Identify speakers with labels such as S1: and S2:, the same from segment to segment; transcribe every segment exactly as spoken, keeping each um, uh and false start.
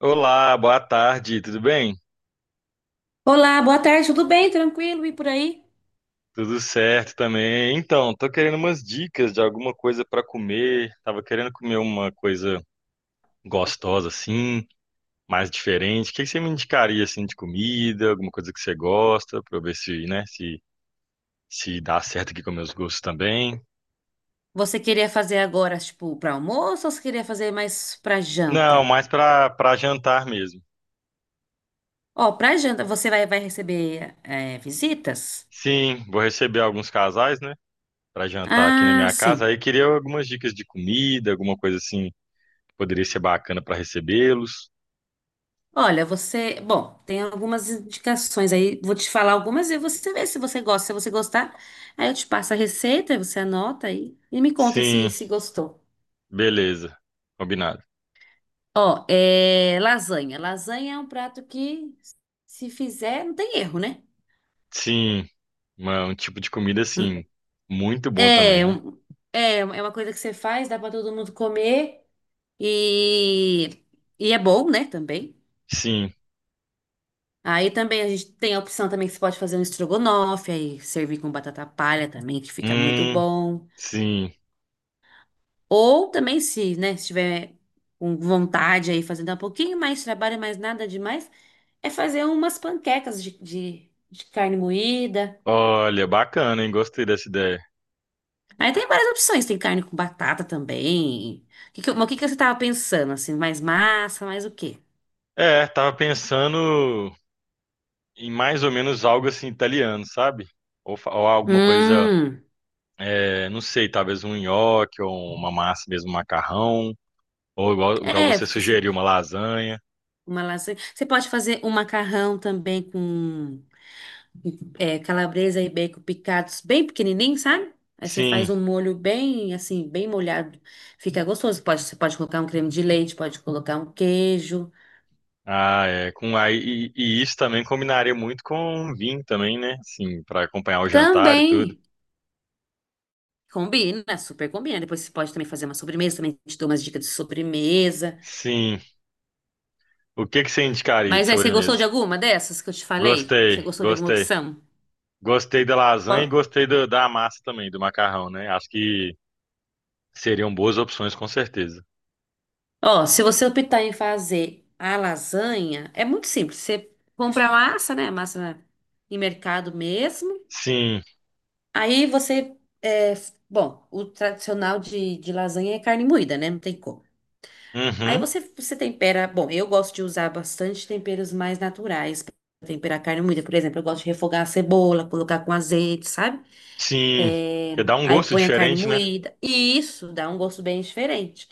S1: Olá, boa tarde, tudo bem?
S2: Olá, boa tarde, tudo bem? Tranquilo e por aí?
S1: Tudo certo também. Então, tô querendo umas dicas de alguma coisa para comer. Tava querendo comer uma coisa gostosa assim, mais diferente. O que que você me indicaria assim de comida, alguma coisa que você gosta, para eu ver se, né, se se dá certo aqui com meus gostos também.
S2: Você queria fazer agora, tipo, para almoço ou você queria fazer mais para
S1: Não,
S2: janta?
S1: mais para para jantar mesmo.
S2: Ó, para janta, você vai, vai receber é, visitas?
S1: Sim, vou receber alguns casais, né, para jantar aqui na
S2: Ah,
S1: minha casa.
S2: sim.
S1: Aí queria algumas dicas de comida, alguma coisa assim que poderia ser bacana para recebê-los.
S2: Olha, você. Bom, tem algumas indicações aí, vou te falar algumas e você vê se você gosta. Se você gostar, aí eu te passo a receita, você anota aí e me conta se,
S1: Sim.
S2: se gostou.
S1: Beleza, combinado.
S2: Ó, é lasanha. Lasanha é um prato que, se fizer, não tem erro, né?
S1: Sim, uma- um tipo de comida assim, muito bom também,
S2: É,
S1: né?
S2: um- é, é uma coisa que você faz, dá pra todo mundo comer e, e é bom, né, também.
S1: Sim,
S2: Aí também a gente tem a opção também que você pode fazer um estrogonofe, aí servir com batata palha também, que fica muito
S1: hum,
S2: bom.
S1: sim.
S2: Ou também se, né, se tiver com vontade aí, fazendo um pouquinho mais de trabalho, mas nada demais, é fazer umas panquecas de, de, de carne moída.
S1: Olha, bacana, hein? Gostei dessa ideia.
S2: Aí tem várias opções, tem carne com batata também. O que que- mas o que que você tava pensando, assim, mais massa, mais o quê?
S1: É, tava pensando em mais ou menos algo assim italiano, sabe? Ou, fa- ou alguma coisa,
S2: Hum,
S1: é, não sei, talvez um nhoque ou uma massa mesmo, um macarrão, ou igual, igual
S2: é,
S1: você
S2: você,
S1: sugeriu, uma lasanha.
S2: uma lasanha. Você pode fazer um macarrão também com é, calabresa e bacon picados bem pequenininho, sabe? Aí você
S1: Sim.
S2: faz um molho bem, assim, bem molhado. Fica gostoso. Pode, você pode colocar um creme de leite, pode colocar um queijo.
S1: Ah, é. Com, aí, e, e isso também combinaria muito com vinho também, né? Sim, para acompanhar o jantar e tudo.
S2: Também combina, super combina. Depois você pode também fazer uma sobremesa, também te dou umas dicas de sobremesa.
S1: Sim. O que que você indicaria de
S2: Mas aí, você gostou de
S1: sobremesa?
S2: alguma dessas que eu te falei? Você
S1: Gostei,
S2: gostou de alguma
S1: gostei.
S2: opção?
S1: Gostei da lasanha e gostei do- da massa também, do macarrão, né? Acho que seriam boas opções, com certeza.
S2: Ó, se você optar em fazer a lasanha, é muito simples. Você compra a massa, né? Massa em mercado mesmo.
S1: Sim.
S2: Aí você, é, bom, o tradicional de, de lasanha é carne moída, né? Não tem como. Aí
S1: Uhum.
S2: você, você tempera. Bom, eu gosto de usar bastante temperos mais naturais para temperar carne moída. Por exemplo, eu gosto de refogar a cebola, colocar com azeite, sabe?
S1: Sim.
S2: É,
S1: Porque dá um
S2: aí
S1: gosto
S2: põe a carne
S1: diferente, né?
S2: moída. E isso dá um gosto bem diferente.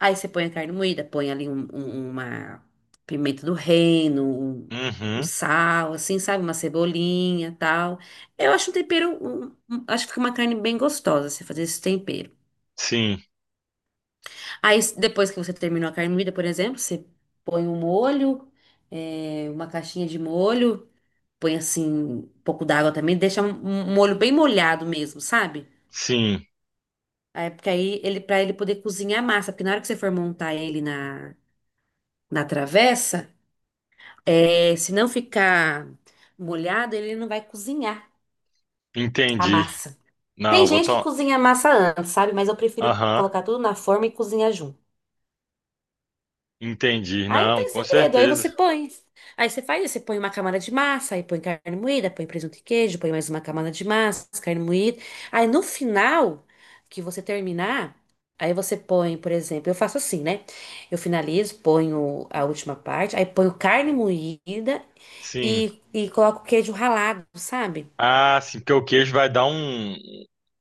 S2: Aí você põe a carne moída, põe ali um- um- uma pimenta do reino, um, um
S1: Uhum.
S2: sal, assim, sabe? Uma cebolinha, tal. Eu acho um tempero, um- um- acho que fica uma carne bem gostosa você fazer esse tempero.
S1: Sim.
S2: Aí depois que você terminou a carne moída, por exemplo, você põe um molho, é, uma caixinha de molho, põe assim um pouco d'água também, deixa um um molho bem molhado mesmo, sabe?
S1: Sim.
S2: Aí, porque aí ele para ele poder cozinhar a massa, porque na hora que você for montar ele na, na travessa, é, se não ficar molhado, ele não vai cozinhar a
S1: Entendi.
S2: massa. Tem
S1: Não, vou
S2: gente que
S1: tomar.
S2: cozinha a massa antes, sabe? Mas eu prefiro
S1: Aham.
S2: colocar tudo na forma e cozinhar junto.
S1: Entendi.
S2: Aí não
S1: Não,
S2: tem
S1: com
S2: segredo, aí
S1: certeza.
S2: você põe. Aí você faz, isso, você põe uma camada de massa, aí põe carne moída, põe presunto e queijo, põe mais uma camada de massa, carne moída. Aí no final, que você terminar, aí você põe, por exemplo, eu faço assim, né? Eu finalizo, ponho a última parte, aí ponho carne moída
S1: Sim.
S2: e, e coloco queijo ralado, sabe?
S1: Ah, sim, porque o queijo vai dar um,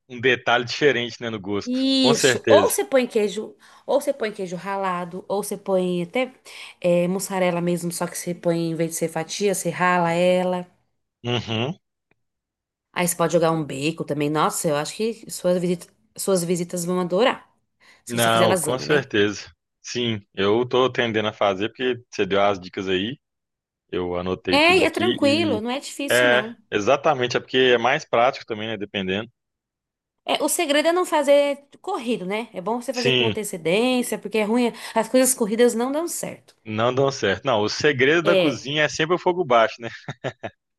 S1: um detalhe diferente, né, no gosto. Com
S2: Isso, ou
S1: certeza.
S2: você põe queijo, ou você põe queijo ralado, ou você põe até eh, mussarela mesmo, só que você põe, em vez de ser fatia, você rala ela.
S1: Uhum.
S2: Aí você pode jogar um bacon também. Nossa, eu acho que suas visitas, suas visitas vão adorar. Se você fizer
S1: Não, com
S2: lasanha, né?
S1: certeza. Sim, eu tô tendendo a fazer porque você deu as dicas aí, eu anotei
S2: É,
S1: tudo
S2: e é
S1: aqui
S2: tranquilo,
S1: e
S2: não é difícil,
S1: é,
S2: não.
S1: exatamente, é porque é mais prático também, né, dependendo.
S2: É, o segredo é não fazer corrido, né? É bom você fazer com
S1: Sim,
S2: antecedência, porque é ruim. As coisas corridas não dão certo.
S1: não dão certo. Não, o segredo da
S2: É.
S1: cozinha é sempre o fogo baixo, né?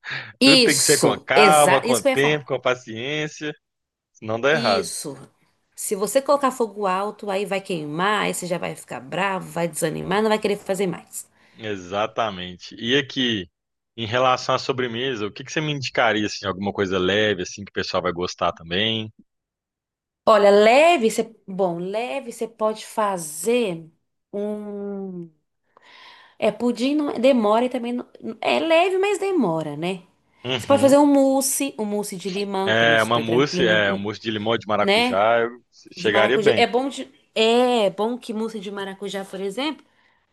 S1: Tudo tem que ser com
S2: Isso,
S1: calma,
S2: exato.
S1: com
S2: Isso que eu ia
S1: tempo,
S2: falar.
S1: com paciência, senão dá errado.
S2: Isso. Se você colocar fogo alto, aí vai queimar, aí você já vai ficar bravo, vai desanimar, não vai querer fazer mais.
S1: Exatamente. E aqui, em relação à sobremesa, o que que você me indicaria, assim, alguma coisa leve, assim, que o pessoal vai gostar também?
S2: Olha, leve, você, bom, leve você pode fazer um, é pudim não é, demora e também não- é leve, mas demora, né? Você pode
S1: Uhum.
S2: fazer um mousse, um mousse de limão, que também é
S1: É, uma
S2: super
S1: mousse,
S2: tranquilo,
S1: é, um
S2: um-
S1: mousse de limão e de
S2: né?
S1: maracujá, eu
S2: De
S1: chegaria
S2: maracujá, é
S1: bem.
S2: bom de, é bom que mousse de maracujá, por exemplo,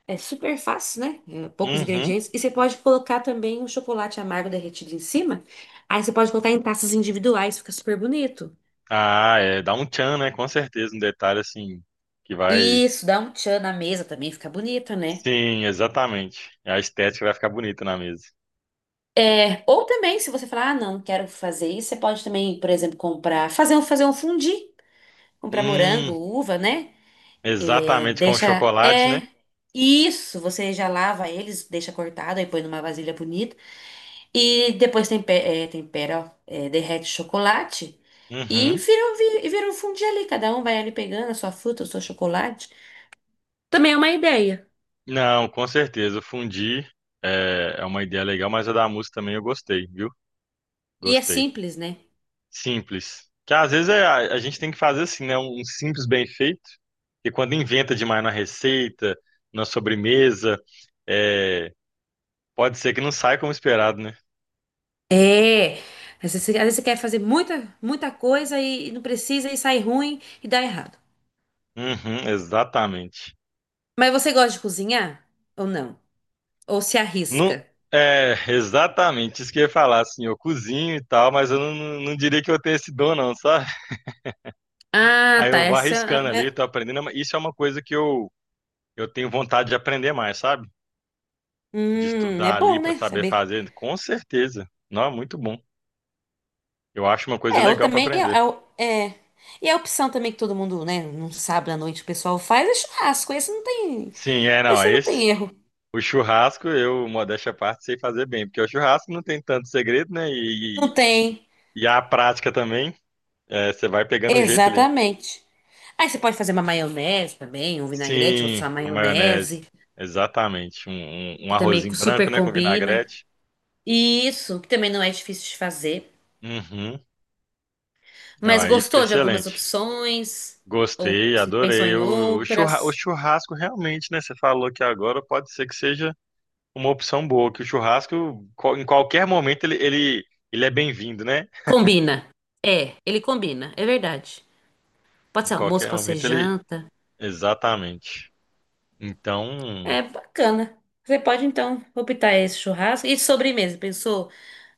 S2: é super fácil, né? É, poucos
S1: Uhum.
S2: ingredientes e você pode colocar também um chocolate amargo derretido em cima. Aí você pode colocar em taças individuais, fica super bonito.
S1: Ah, é, dá um tchan, né? Com certeza, um detalhe, assim, que vai...
S2: Isso, dá um tchan na mesa também, fica bonito, né?
S1: Sim, exatamente. A estética vai ficar bonita na mesa.
S2: É, ou também, se você falar, ah, não, quero fazer isso, você pode também, por exemplo, comprar, fazer um, fazer um fundi, comprar morango,
S1: Hum,
S2: uva, né? É,
S1: exatamente, com o
S2: deixa,
S1: chocolate, né?
S2: é, isso, você já lava eles, deixa cortado, aí põe numa vasilha bonita, e depois tempera, é, tempera, ó, é, derrete o chocolate, e
S1: Uhum.
S2: vira, um vi- e vira um fundi ali, cada um vai ali pegando a sua fruta, o seu chocolate. Também é uma ideia.
S1: Não, com certeza. O Fundi é, é uma ideia legal, mas a da música também eu gostei, viu?
S2: E é
S1: Gostei.
S2: simples, né?
S1: Simples. Que às vezes é, a, a gente tem que fazer assim, né? Um simples bem feito. E quando inventa demais na receita, na sobremesa, é, pode ser que não saia como esperado, né?
S2: É, às vezes, você às vezes você quer fazer muita, muita coisa e, e não precisa e sai ruim e dá errado.
S1: Uhum, exatamente.
S2: Mas você gosta de cozinhar ou não? Ou se
S1: Não,
S2: arrisca?
S1: é, exatamente. Isso que eu ia falar, assim, eu cozinho e tal, mas eu não, não não diria que eu tenho esse dom, não, sabe?
S2: Ah,
S1: Aí
S2: tá.
S1: eu vou
S2: Essa
S1: arriscando
S2: é,
S1: ali,
S2: é,
S1: tô aprendendo. Isso é uma coisa que eu Eu tenho vontade de aprender mais, sabe? De
S2: hum, é
S1: estudar ali
S2: bom,
S1: para
S2: né?
S1: saber
S2: Saber.
S1: fazer, com certeza. Não, é muito bom. Eu acho uma coisa
S2: É, ou
S1: legal para
S2: também é, é,
S1: aprender.
S2: o- é. E é a opção também que todo mundo, né, num sábado à noite o pessoal faz é churrasco. Esse não tem,
S1: Sim, é, não,
S2: esse não
S1: esse.
S2: tem erro.
S1: O churrasco, eu, modéstia à parte, sei fazer bem, porque o churrasco não tem tanto segredo, né? E,
S2: Não tem.
S1: e, e a prática também, é, você vai pegando o jeito ali.
S2: Exatamente. Aí você pode fazer uma maionese também, um vinagrete ou
S1: Sim,
S2: só
S1: a maionese,
S2: maionese,
S1: exatamente. Um, um, um
S2: que também
S1: arrozinho branco,
S2: super
S1: né, com
S2: combina.
S1: vinagrete.
S2: E isso, que também não é difícil de fazer.
S1: Uhum. Não,
S2: Mas
S1: aí fica
S2: gostou de algumas
S1: excelente.
S2: opções? Ou
S1: Gostei,
S2: se pensou
S1: adorei.
S2: em
S1: O, o churra- o
S2: outras?
S1: churrasco realmente, né? Você falou que agora pode ser que seja uma opção boa, que o churrasco, co- em qualquer momento, ele, ele, ele é bem-vindo, né?
S2: Combina. É, ele combina, é verdade. Pode
S1: Em
S2: ser almoço,
S1: qualquer
S2: pode ser
S1: momento ele.
S2: janta.
S1: Exatamente. Então,
S2: É bacana. Você pode então optar esse churrasco. E de sobremesa, pensou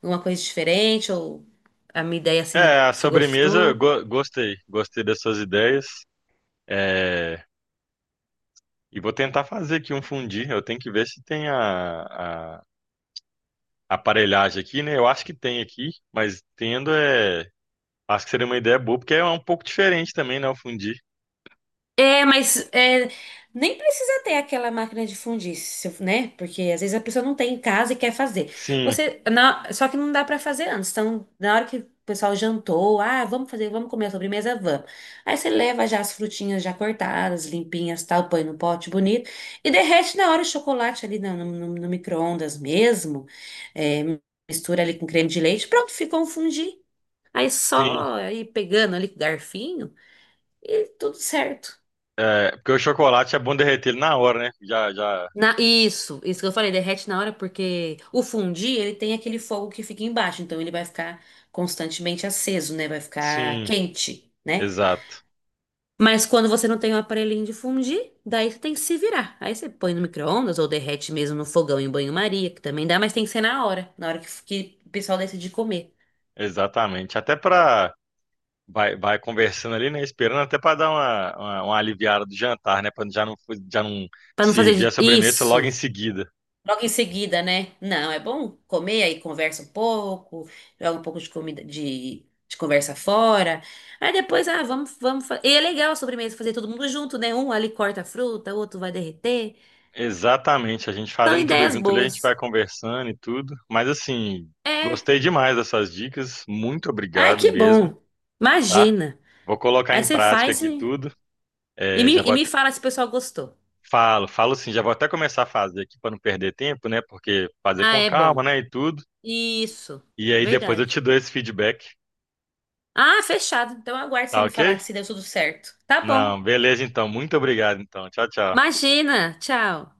S2: em uma coisa diferente? Ou a minha ideia assim,
S1: é, a
S2: você
S1: sobremesa, eu
S2: gostou?
S1: go- gostei. Gostei das suas ideias. É, e vou tentar fazer aqui um fundi. Eu tenho que ver se tem a, a aparelhagem aqui, né? Eu acho que tem aqui, mas tendo é. Acho que seria uma ideia boa, porque é um pouco diferente também, né? O fundir.
S2: É, mas é, nem precisa ter aquela máquina de fundir, se eu- né? Porque às vezes a pessoa não tem em casa e quer fazer.
S1: Sim,
S2: Você, na- só que não dá pra fazer antes. Então, na hora que o pessoal jantou, ah, vamos fazer, vamos comer a sobremesa, vamos. Aí você leva já as frutinhas já cortadas, limpinhas, tal, põe no pote bonito e derrete na hora o chocolate ali no, no, no micro-ondas mesmo. É, mistura ali com creme de leite, pronto, ficou um fondue. Aí
S1: sim.
S2: só ir pegando ali com o garfinho e tudo certo.
S1: É, porque o chocolate é bom derreter ele na hora, né? Já, já.
S2: Na- isso, isso que eu falei, derrete na hora porque o fundi, ele tem aquele fogo que fica embaixo, então ele vai ficar constantemente aceso, né? Vai ficar
S1: Sim,
S2: quente, né?
S1: exato.
S2: Mas quando você não tem um aparelhinho de fundir, daí você tem que se virar. Aí você põe no micro-ondas ou derrete mesmo no fogão em banho-maria, que também dá, mas tem que ser na hora, na hora que, que o pessoal decide comer.
S1: Exatamente. Até para vai, vai conversando ali, né? Esperando até para dar uma, uma, uma aliviada do jantar, né? Para já não, já não
S2: Pra não
S1: servir a
S2: fazer
S1: sobremesa logo em
S2: isso.
S1: seguida.
S2: Logo em seguida, né? Não, é bom comer, aí conversa um pouco, joga um pouco de comida, de, de conversa fora. Aí depois, ah, vamos, vamos. fa- E é legal a sobremesa fazer todo mundo junto, né? Um ali corta a fruta, o outro vai derreter.
S1: Exatamente. A gente
S2: São
S1: fazendo tudo
S2: ideias
S1: junto ali, a gente
S2: boas.
S1: vai conversando e tudo. Mas assim,
S2: É.
S1: gostei demais dessas dicas. Muito
S2: Ai,
S1: obrigado
S2: que
S1: mesmo,
S2: bom.
S1: tá?
S2: Imagina.
S1: Vou colocar
S2: Aí
S1: em
S2: você
S1: prática
S2: faz
S1: aqui
S2: e,
S1: tudo.
S2: e
S1: É, já
S2: me, e
S1: vou
S2: me
S1: até-
S2: fala se o pessoal gostou.
S1: falo, falo sim, já vou até começar a fazer aqui para não perder tempo, né? Porque fazer
S2: Ah,
S1: com
S2: é bom.
S1: calma, né? E tudo.
S2: Isso.
S1: E aí depois eu te
S2: Verdade.
S1: dou esse feedback,
S2: Ah, fechado. Então eu aguardo você
S1: tá
S2: me falar
S1: ok?
S2: se deu tudo certo. Tá
S1: Não,
S2: bom.
S1: beleza então. Muito obrigado então. Tchau, tchau.
S2: Imagina. Tchau.